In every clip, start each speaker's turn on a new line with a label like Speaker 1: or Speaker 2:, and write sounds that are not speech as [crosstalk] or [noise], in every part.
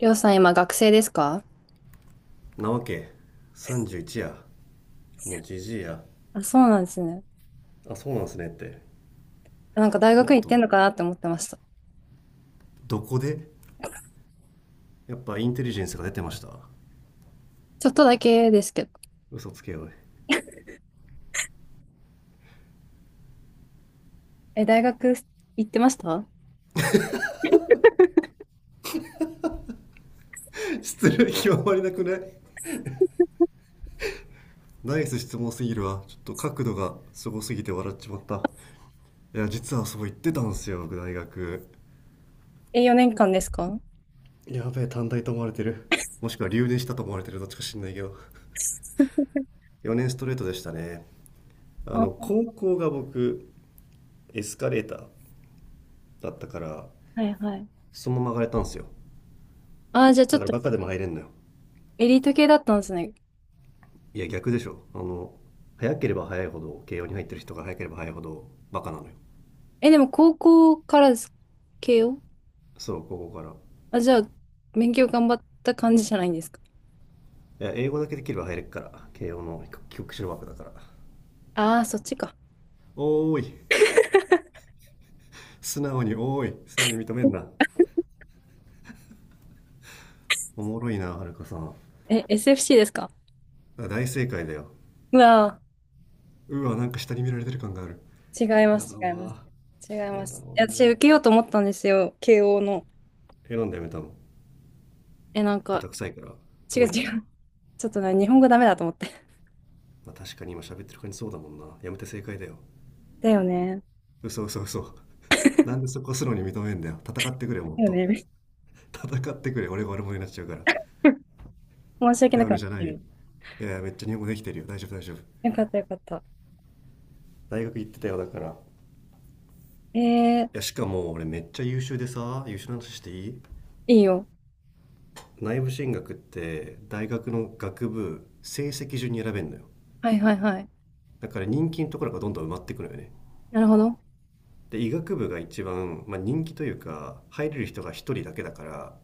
Speaker 1: りょうさん今学生ですか？
Speaker 2: なわけ。31やもうじじいや。
Speaker 1: あ、そうなんですね。
Speaker 2: あそうなんすねって。
Speaker 1: なんか大
Speaker 2: も
Speaker 1: 学
Speaker 2: っ
Speaker 1: 行って
Speaker 2: と
Speaker 1: んのかなって思ってました。
Speaker 2: どこで、やっぱインテリジェンスが出てました？
Speaker 1: ちょっとだけですけど。
Speaker 2: 嘘つけよ [laughs] おい。
Speaker 1: え、大学行ってました
Speaker 2: 失礼極まりなくない？ナイス質問すぎるわ、ちょっと角度がすごすぎて笑っちまった。いや実はそう言ってたんすよ僕、大学。
Speaker 1: え、4年間ですか？
Speaker 2: やべえ短大と思われてる。もしくは留年したと思われてる、どっちか知んないけど [laughs] 4年ストレートでしたね。
Speaker 1: あ、
Speaker 2: あ
Speaker 1: は
Speaker 2: の高校が僕エスカレーターだったから、
Speaker 1: いはい。
Speaker 2: そのまま上がれたんすよ。
Speaker 1: あ、じゃあちょ
Speaker 2: だ
Speaker 1: っ
Speaker 2: から
Speaker 1: と
Speaker 2: バカでも入れんのよ。
Speaker 1: エリート系だったんですね。
Speaker 2: いや逆でしょ、あの、早ければ早いほど慶応に入ってる人が、早ければ早いほどバカなのよ。
Speaker 1: え、でも高校からです系を
Speaker 2: そう、ここから。
Speaker 1: あ、じゃあ勉強頑張った感じじゃないんですか？
Speaker 2: いや英語だけできれば入れっから慶応の。帰国子女枠だから。
Speaker 1: ああー、そっちか。
Speaker 2: おーい、素直におーい、素直に認めんな。おもろいな、はるかさん。
Speaker 1: え、SFC ですか？
Speaker 2: 大正解だよ。
Speaker 1: うわ
Speaker 2: うわなんか下に見られてる感がある。
Speaker 1: ー、違いま
Speaker 2: や
Speaker 1: す、
Speaker 2: だ
Speaker 1: 違います。
Speaker 2: わ。
Speaker 1: 違い
Speaker 2: や
Speaker 1: ま
Speaker 2: だわ、
Speaker 1: す。いや私受
Speaker 2: も
Speaker 1: けようと思ったんですよ、慶応の。
Speaker 2: う選んでやめたの。
Speaker 1: え、なんか、
Speaker 2: 豚臭いから。
Speaker 1: 違う
Speaker 2: 遠いか
Speaker 1: 違
Speaker 2: ら。ま
Speaker 1: う。ちょっとね日本語ダメだと思って。
Speaker 2: あ確かに今喋ってる感じそうだもんな、やめて正解だよ。
Speaker 1: だよね。
Speaker 2: 嘘嘘嘘 [laughs] なんでそこ素直に認めんだよ、戦ってくれよもっ
Speaker 1: だよ
Speaker 2: と。
Speaker 1: ね。[laughs]
Speaker 2: 戦ってくれ、俺が悪者になっちゃうから。
Speaker 1: 申し訳
Speaker 2: だ
Speaker 1: なく
Speaker 2: よ
Speaker 1: な
Speaker 2: ね
Speaker 1: っ
Speaker 2: じゃな
Speaker 1: て
Speaker 2: いよ。
Speaker 1: る。
Speaker 2: いやいやめっちゃ日本語できてるよ、大丈夫大丈夫。
Speaker 1: よかったよかった。
Speaker 2: 大学行ってたよだから。い
Speaker 1: えー、
Speaker 2: やしかも俺めっちゃ優秀でさ、優秀な話していい？
Speaker 1: いいよ。
Speaker 2: 内部進学って大学の学部成績順に選べんのよ。
Speaker 1: はいはいはい。
Speaker 2: だから人気のところがどんどん埋まってくのよね。
Speaker 1: なるほど。
Speaker 2: で医学部が一番、まあ、人気というか、入れる人が一人だけだから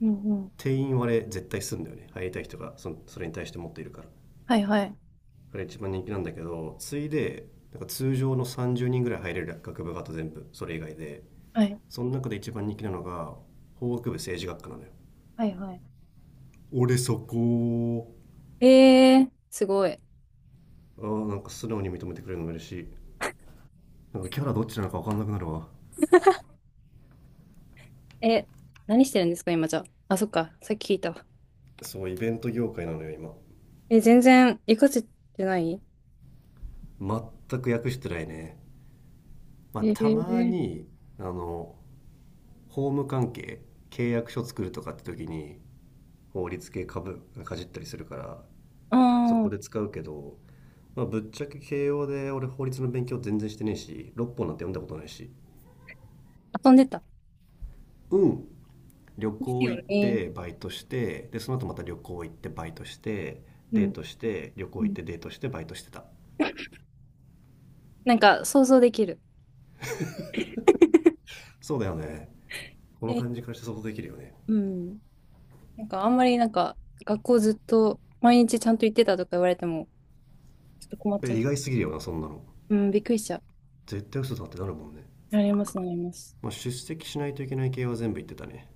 Speaker 1: うんうん。
Speaker 2: 定員割れ絶対すんだよね。入りたい人がそれに対して持っているから
Speaker 1: はいはい。
Speaker 2: が一番人気なんだけど、次いでなんか通常の30人ぐらい入れる学部が、あと全部それ以外で、
Speaker 1: はい。
Speaker 2: その中で一番人気なのが法学部政治学科なのよ。
Speaker 1: はいはい。
Speaker 2: 俺そこ。
Speaker 1: えー、すごい。
Speaker 2: ああなんか素直に認めてくれるの嬉しい。なんかキャラどっちなのか分かんなくなるわ。
Speaker 1: え、何してるんですか、今じゃあ。あ、そっか。さっき聞いたわ。
Speaker 2: そう、イベント業界なのよ今。
Speaker 1: え、全然、活かせてない
Speaker 2: 全く訳してないね。まあ
Speaker 1: え
Speaker 2: たま
Speaker 1: ー、
Speaker 2: に、あの、法務関係、契約書作るとかって時に、法律系株がかじったりするから、
Speaker 1: あ
Speaker 2: そ
Speaker 1: あ、
Speaker 2: こで使うけど、まあ、ぶっちゃけ慶応で俺法律の勉強全然してねえし、六本なんて読んだことないし。
Speaker 1: 遊んでた。
Speaker 2: うん、旅
Speaker 1: です
Speaker 2: 行
Speaker 1: よ
Speaker 2: 行っ
Speaker 1: ね。
Speaker 2: てバイトして、でその後また旅行行ってバイトして、
Speaker 1: う
Speaker 2: デー
Speaker 1: ん。
Speaker 2: トして旅
Speaker 1: う
Speaker 2: 行行っ
Speaker 1: ん
Speaker 2: てデートしてバイトしてた。
Speaker 1: なんか、想像できる。
Speaker 2: そうだよね、この
Speaker 1: え、
Speaker 2: 感じからして想像できるよね。
Speaker 1: うん。なんか、あんまりなんか、学校ずっと、毎日ちゃんと行ってたとか言われても、ちょっと困っ
Speaker 2: え
Speaker 1: ちゃ
Speaker 2: 意
Speaker 1: う。
Speaker 2: 外すぎるよなそんなの。
Speaker 1: うん、びっくりしちゃう。
Speaker 2: 絶対嘘だってなるもんね。
Speaker 1: なります、なります。
Speaker 2: まあ、出席しないといけない系は全部言ってたね。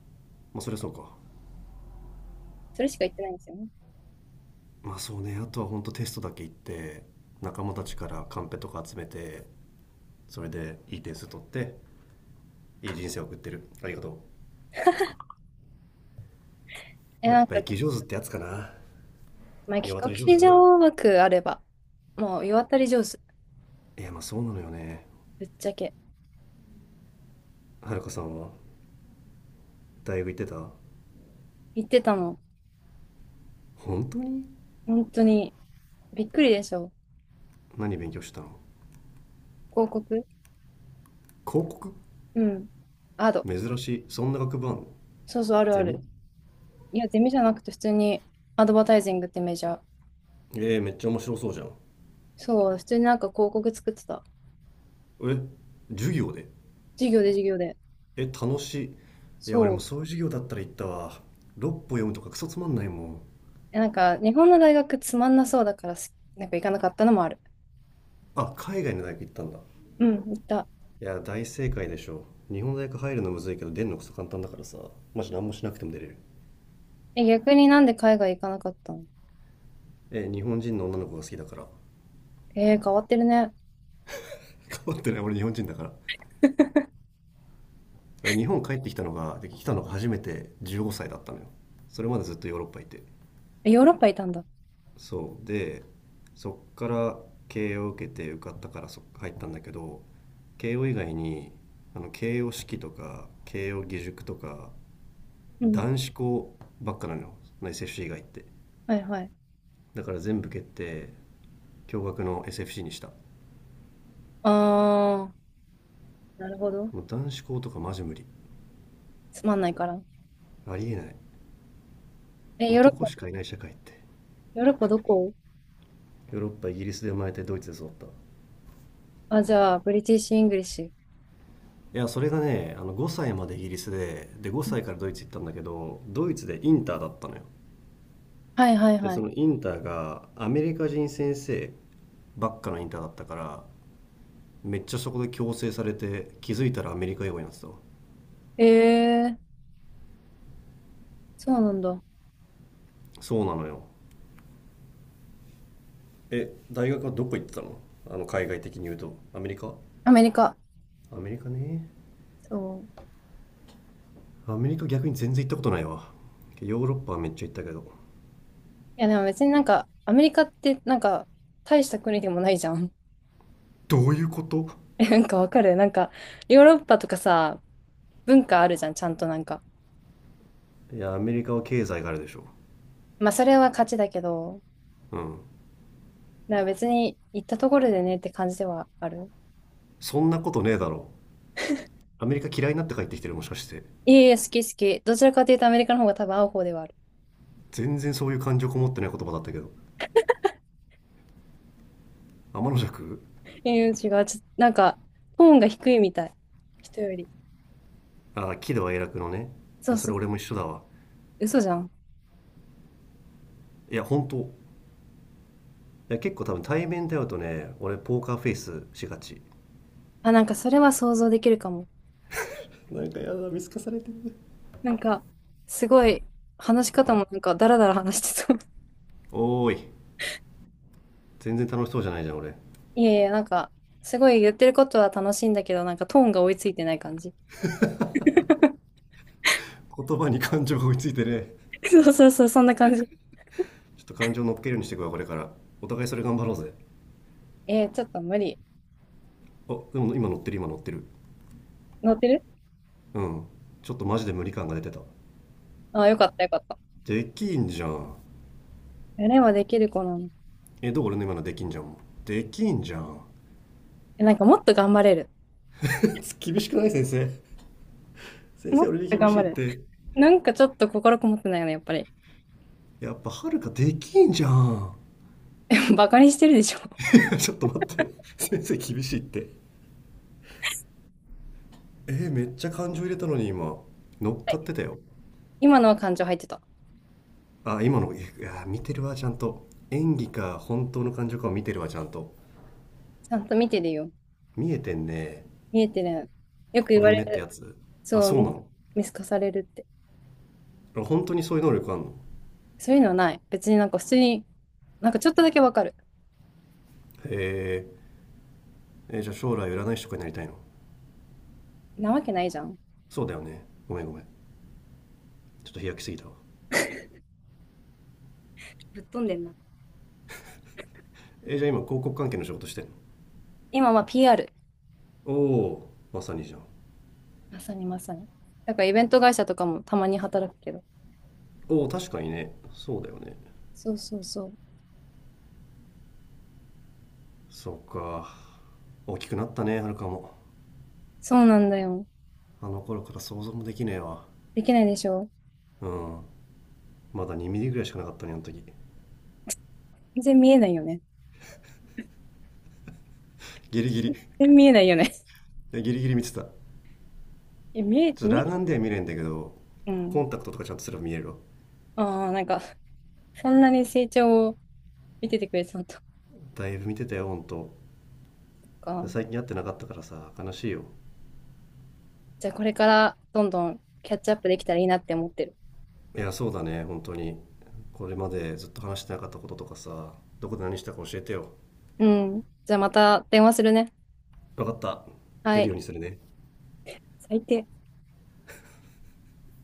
Speaker 2: まあそりゃそうか。
Speaker 1: それしか言ってないんですよね。
Speaker 2: まあそうね、あとはほんとテストだけ行って、仲間たちからカンペとか集めて、それでいい点数取って、いい人生を送ってる。ありがと。
Speaker 1: え、
Speaker 2: うやっ
Speaker 1: なん
Speaker 2: ぱ
Speaker 1: か、
Speaker 2: 生き上手ってやつかな。
Speaker 1: まあ、
Speaker 2: 世
Speaker 1: 企
Speaker 2: 渡
Speaker 1: 画
Speaker 2: り上
Speaker 1: 書
Speaker 2: 手。
Speaker 1: 上枠あれば、もう、世渡り上手。
Speaker 2: いやまあそうなのよね。
Speaker 1: ぶっちゃけ。
Speaker 2: はるかさんは大学行ってた？
Speaker 1: 言ってたの。
Speaker 2: 本当に、
Speaker 1: 本当に、びっくりでしょ。
Speaker 2: 何勉強したの？
Speaker 1: 広告
Speaker 2: 広告？
Speaker 1: うん。アド。
Speaker 2: 珍しい、そんな学部あんの？
Speaker 1: そうそう、あるあ
Speaker 2: ゼミ？
Speaker 1: る。いや、ゼミじゃなくて、普通に、アドバタイジングってメジャー。
Speaker 2: えー、めっちゃ面白そうじゃん。
Speaker 1: そう、普通になんか広告作ってた。
Speaker 2: え、授業で？
Speaker 1: 授業で授業で。
Speaker 2: え楽しい。いや俺
Speaker 1: そ
Speaker 2: も
Speaker 1: う。
Speaker 2: そういう授業だったら行ったわ。六歩読むとかクソつまんないもん。
Speaker 1: え、なんか、日本の大学つまんなそうだからなんか行かなかったのもある。
Speaker 2: あ、海外の大学行ったんだ。
Speaker 1: うん、行った。
Speaker 2: いや大正解でしょ、日本大学入るのむずいけど出るのくそ簡単だからさ。マジ何もしなくても出れる。
Speaker 1: え、逆になんで海外行かなかったの？
Speaker 2: え日本人の女の子が好きだから [laughs]
Speaker 1: えー、変わってるね。
Speaker 2: 変わってない、俺日本人だから。
Speaker 1: [laughs]
Speaker 2: 俺日本帰ってきたのが、で来たのが初めて15歳だったのよ。それまでずっとヨーロッパいて。
Speaker 1: ヨーロッパいたんだ。
Speaker 2: そうで、そっから慶応受けて受かったから入ったんだけど、慶応以外に、あの慶応式とか慶応義塾とか
Speaker 1: うん。
Speaker 2: 男子校ばっかなのよ、内接種以外って。
Speaker 1: はいはい。
Speaker 2: だから全部蹴って、驚愕の SFC にした。
Speaker 1: あー、なるほど。
Speaker 2: もう男子校とかマジ無理。
Speaker 1: つまんないから。
Speaker 2: ありえない、
Speaker 1: え、ヨーロッパ、
Speaker 2: 男しかいない社会って。
Speaker 1: ヨーロッパどこ？
Speaker 2: ヨーロッパ、イギリスで生まれてドイツで育った。い
Speaker 1: あ、じゃあ、ブリティッシュ・イングリッシュ。
Speaker 2: やそれがね、あの5歳までイギリスで5歳からドイツ行ったんだけど、ドイツでインターだったのよ。
Speaker 1: はいはい
Speaker 2: でそ
Speaker 1: は
Speaker 2: のインターがアメリカ人先生ばっかのインターだったから、めっちゃそこで強制されて、気づいたらアメリカ英語になってたわ。
Speaker 1: い。えー、そうなんだ。
Speaker 2: そうなのよ。え大学はどこ行ってたの？あの海外的に言うとアメリカ。
Speaker 1: アメリカ。
Speaker 2: アメリカね。
Speaker 1: そう。
Speaker 2: アメリカ逆に全然行ったことないわ、ヨーロッパはめっちゃ行ったけど。
Speaker 1: いや、でも別になんか、アメリカって、なんか、大した国でもないじゃん。
Speaker 2: どういうこと？
Speaker 1: [laughs] え、なんかわかるなんか、ヨーロッパとかさ、文化あるじゃん、ちゃんとなんか。
Speaker 2: いやアメリカは経済があるでしょ。
Speaker 1: まあ、それは勝ちだけど、
Speaker 2: うん、
Speaker 1: だから別に行ったところでねって感じではある。
Speaker 2: そんなことねえだろ。アメリカ嫌いになって帰ってきてる、もしかして？
Speaker 1: いえいえ、好き好き。どちらかというとアメリカの方が多分合う方ではある。
Speaker 2: 全然そういう感情こもってない言葉だったけど。天の尺。
Speaker 1: ええ違う。なんか、トーンが低いみたい。人より。
Speaker 2: ああ喜怒哀楽のね。い
Speaker 1: そ
Speaker 2: や
Speaker 1: う
Speaker 2: そ
Speaker 1: そ
Speaker 2: れ
Speaker 1: う。
Speaker 2: 俺も一緒だわ。
Speaker 1: 嘘じゃん。
Speaker 2: いや本当、いや結構多分対面で会うとね、俺ポーカーフェイスしがち。
Speaker 1: あ、なんかそれは想像できるかも。
Speaker 2: なんかやだ、見透かされてる。
Speaker 1: なんか、すごい、話し方もなんかダラダラ話してそう。[laughs]
Speaker 2: おーい、全然楽しそうじゃないじゃん俺。
Speaker 1: いえいえ、なんか、すごい言ってることは楽しいんだけど、なんかトーンが追いついてない感じ。[laughs]
Speaker 2: 言葉に感情が追いついてね。
Speaker 1: そうそうそう、そんな感じ。
Speaker 2: ちょっと感情乗っけるようにしていくわこれから。お互いそれ頑張ろうぜ。
Speaker 1: えー、ちょっと無理。
Speaker 2: あでも今乗ってる、今乗ってる。
Speaker 1: 乗ってる
Speaker 2: うん。ちょっとマジで無理感が出てた。
Speaker 1: あ、よかったよかった。
Speaker 2: できんじゃん。
Speaker 1: やればできる子なの。
Speaker 2: えどう俺の今のできんじゃんも。できんじゃん
Speaker 1: え、なんかもっと頑張れる。
Speaker 2: [laughs] 厳しくない先生？先
Speaker 1: もっ
Speaker 2: 生俺に
Speaker 1: と
Speaker 2: 厳
Speaker 1: 頑
Speaker 2: し
Speaker 1: 張
Speaker 2: いっ
Speaker 1: れる。
Speaker 2: て。
Speaker 1: なんかちょっと心こもってないよね、やっぱり。
Speaker 2: やっぱはるかできんじゃん
Speaker 1: [laughs] バカにしてるでしょ。は
Speaker 2: [laughs] ちょっと待って、先生厳しいって。えーめっちゃ感情入れたのに今。乗っかっ
Speaker 1: い
Speaker 2: てたよ。
Speaker 1: 今のは感情入ってた。
Speaker 2: あ今のいや見てるわちゃんと、演技か本当の感情かを見てるわちゃんと。
Speaker 1: ちゃんと見てるよ。
Speaker 2: 見えてんね。
Speaker 1: 見えてる。よく言
Speaker 2: 心
Speaker 1: わ
Speaker 2: の
Speaker 1: れ
Speaker 2: 目ってや
Speaker 1: る。
Speaker 2: つ？あ
Speaker 1: そう、
Speaker 2: そうなの？
Speaker 1: 見透かされるって。
Speaker 2: 本当にそういう能力あんの？
Speaker 1: そういうのはない。別になんか普通に、なんかちょっとだけわかる。
Speaker 2: へ、ええじゃあ将来占い師とかになりたいの？
Speaker 1: なわけないじゃん。
Speaker 2: そうだよね、ごめんごめん、ちょっと飛躍しすぎたわ。
Speaker 1: ぶっ飛んでんな。
Speaker 2: えーじゃあ今広告関係の仕事してんの？
Speaker 1: 今は PR
Speaker 2: おお、まさにじゃん。
Speaker 1: まさにまさに。だからイベント会社とかもたまに働くけど。
Speaker 2: おお確かにね、そうだよね。
Speaker 1: そうそうそう。
Speaker 2: そうか、大きくなったねはるかも。
Speaker 1: そうなんだよ。
Speaker 2: あの頃から想像もできねえわ。
Speaker 1: できないでしょ。
Speaker 2: うん、まだ2ミリぐらいしかなかったねあの時。
Speaker 1: 全然見えないよね。
Speaker 2: ギリギリ、い
Speaker 1: 全然見えないよね。
Speaker 2: やギリギリ見てた。ち
Speaker 1: [laughs] え、見え、
Speaker 2: ょっと
Speaker 1: 見
Speaker 2: 裸
Speaker 1: え、
Speaker 2: 眼では見れんだけど、
Speaker 1: う
Speaker 2: コ
Speaker 1: ん。
Speaker 2: ンタクトとかちゃんとすれば見えるわ。
Speaker 1: ああ、なんか、そんなに成長を見ててくれてたのと
Speaker 2: だいぶ見てたよほんと。
Speaker 1: か。
Speaker 2: 最近会ってなかったからさ悲しいよ。
Speaker 1: じゃあこれからどんどんキャッチアップできたらいいなって思ってる。
Speaker 2: いやそうだね本当に、これまでずっと話してなかったこととかさ、どこで何したか教えてよ。
Speaker 1: うん。じゃあまた電話するね。
Speaker 2: 分かった、
Speaker 1: は
Speaker 2: 出る
Speaker 1: い。
Speaker 2: ようにするね。
Speaker 1: 最低。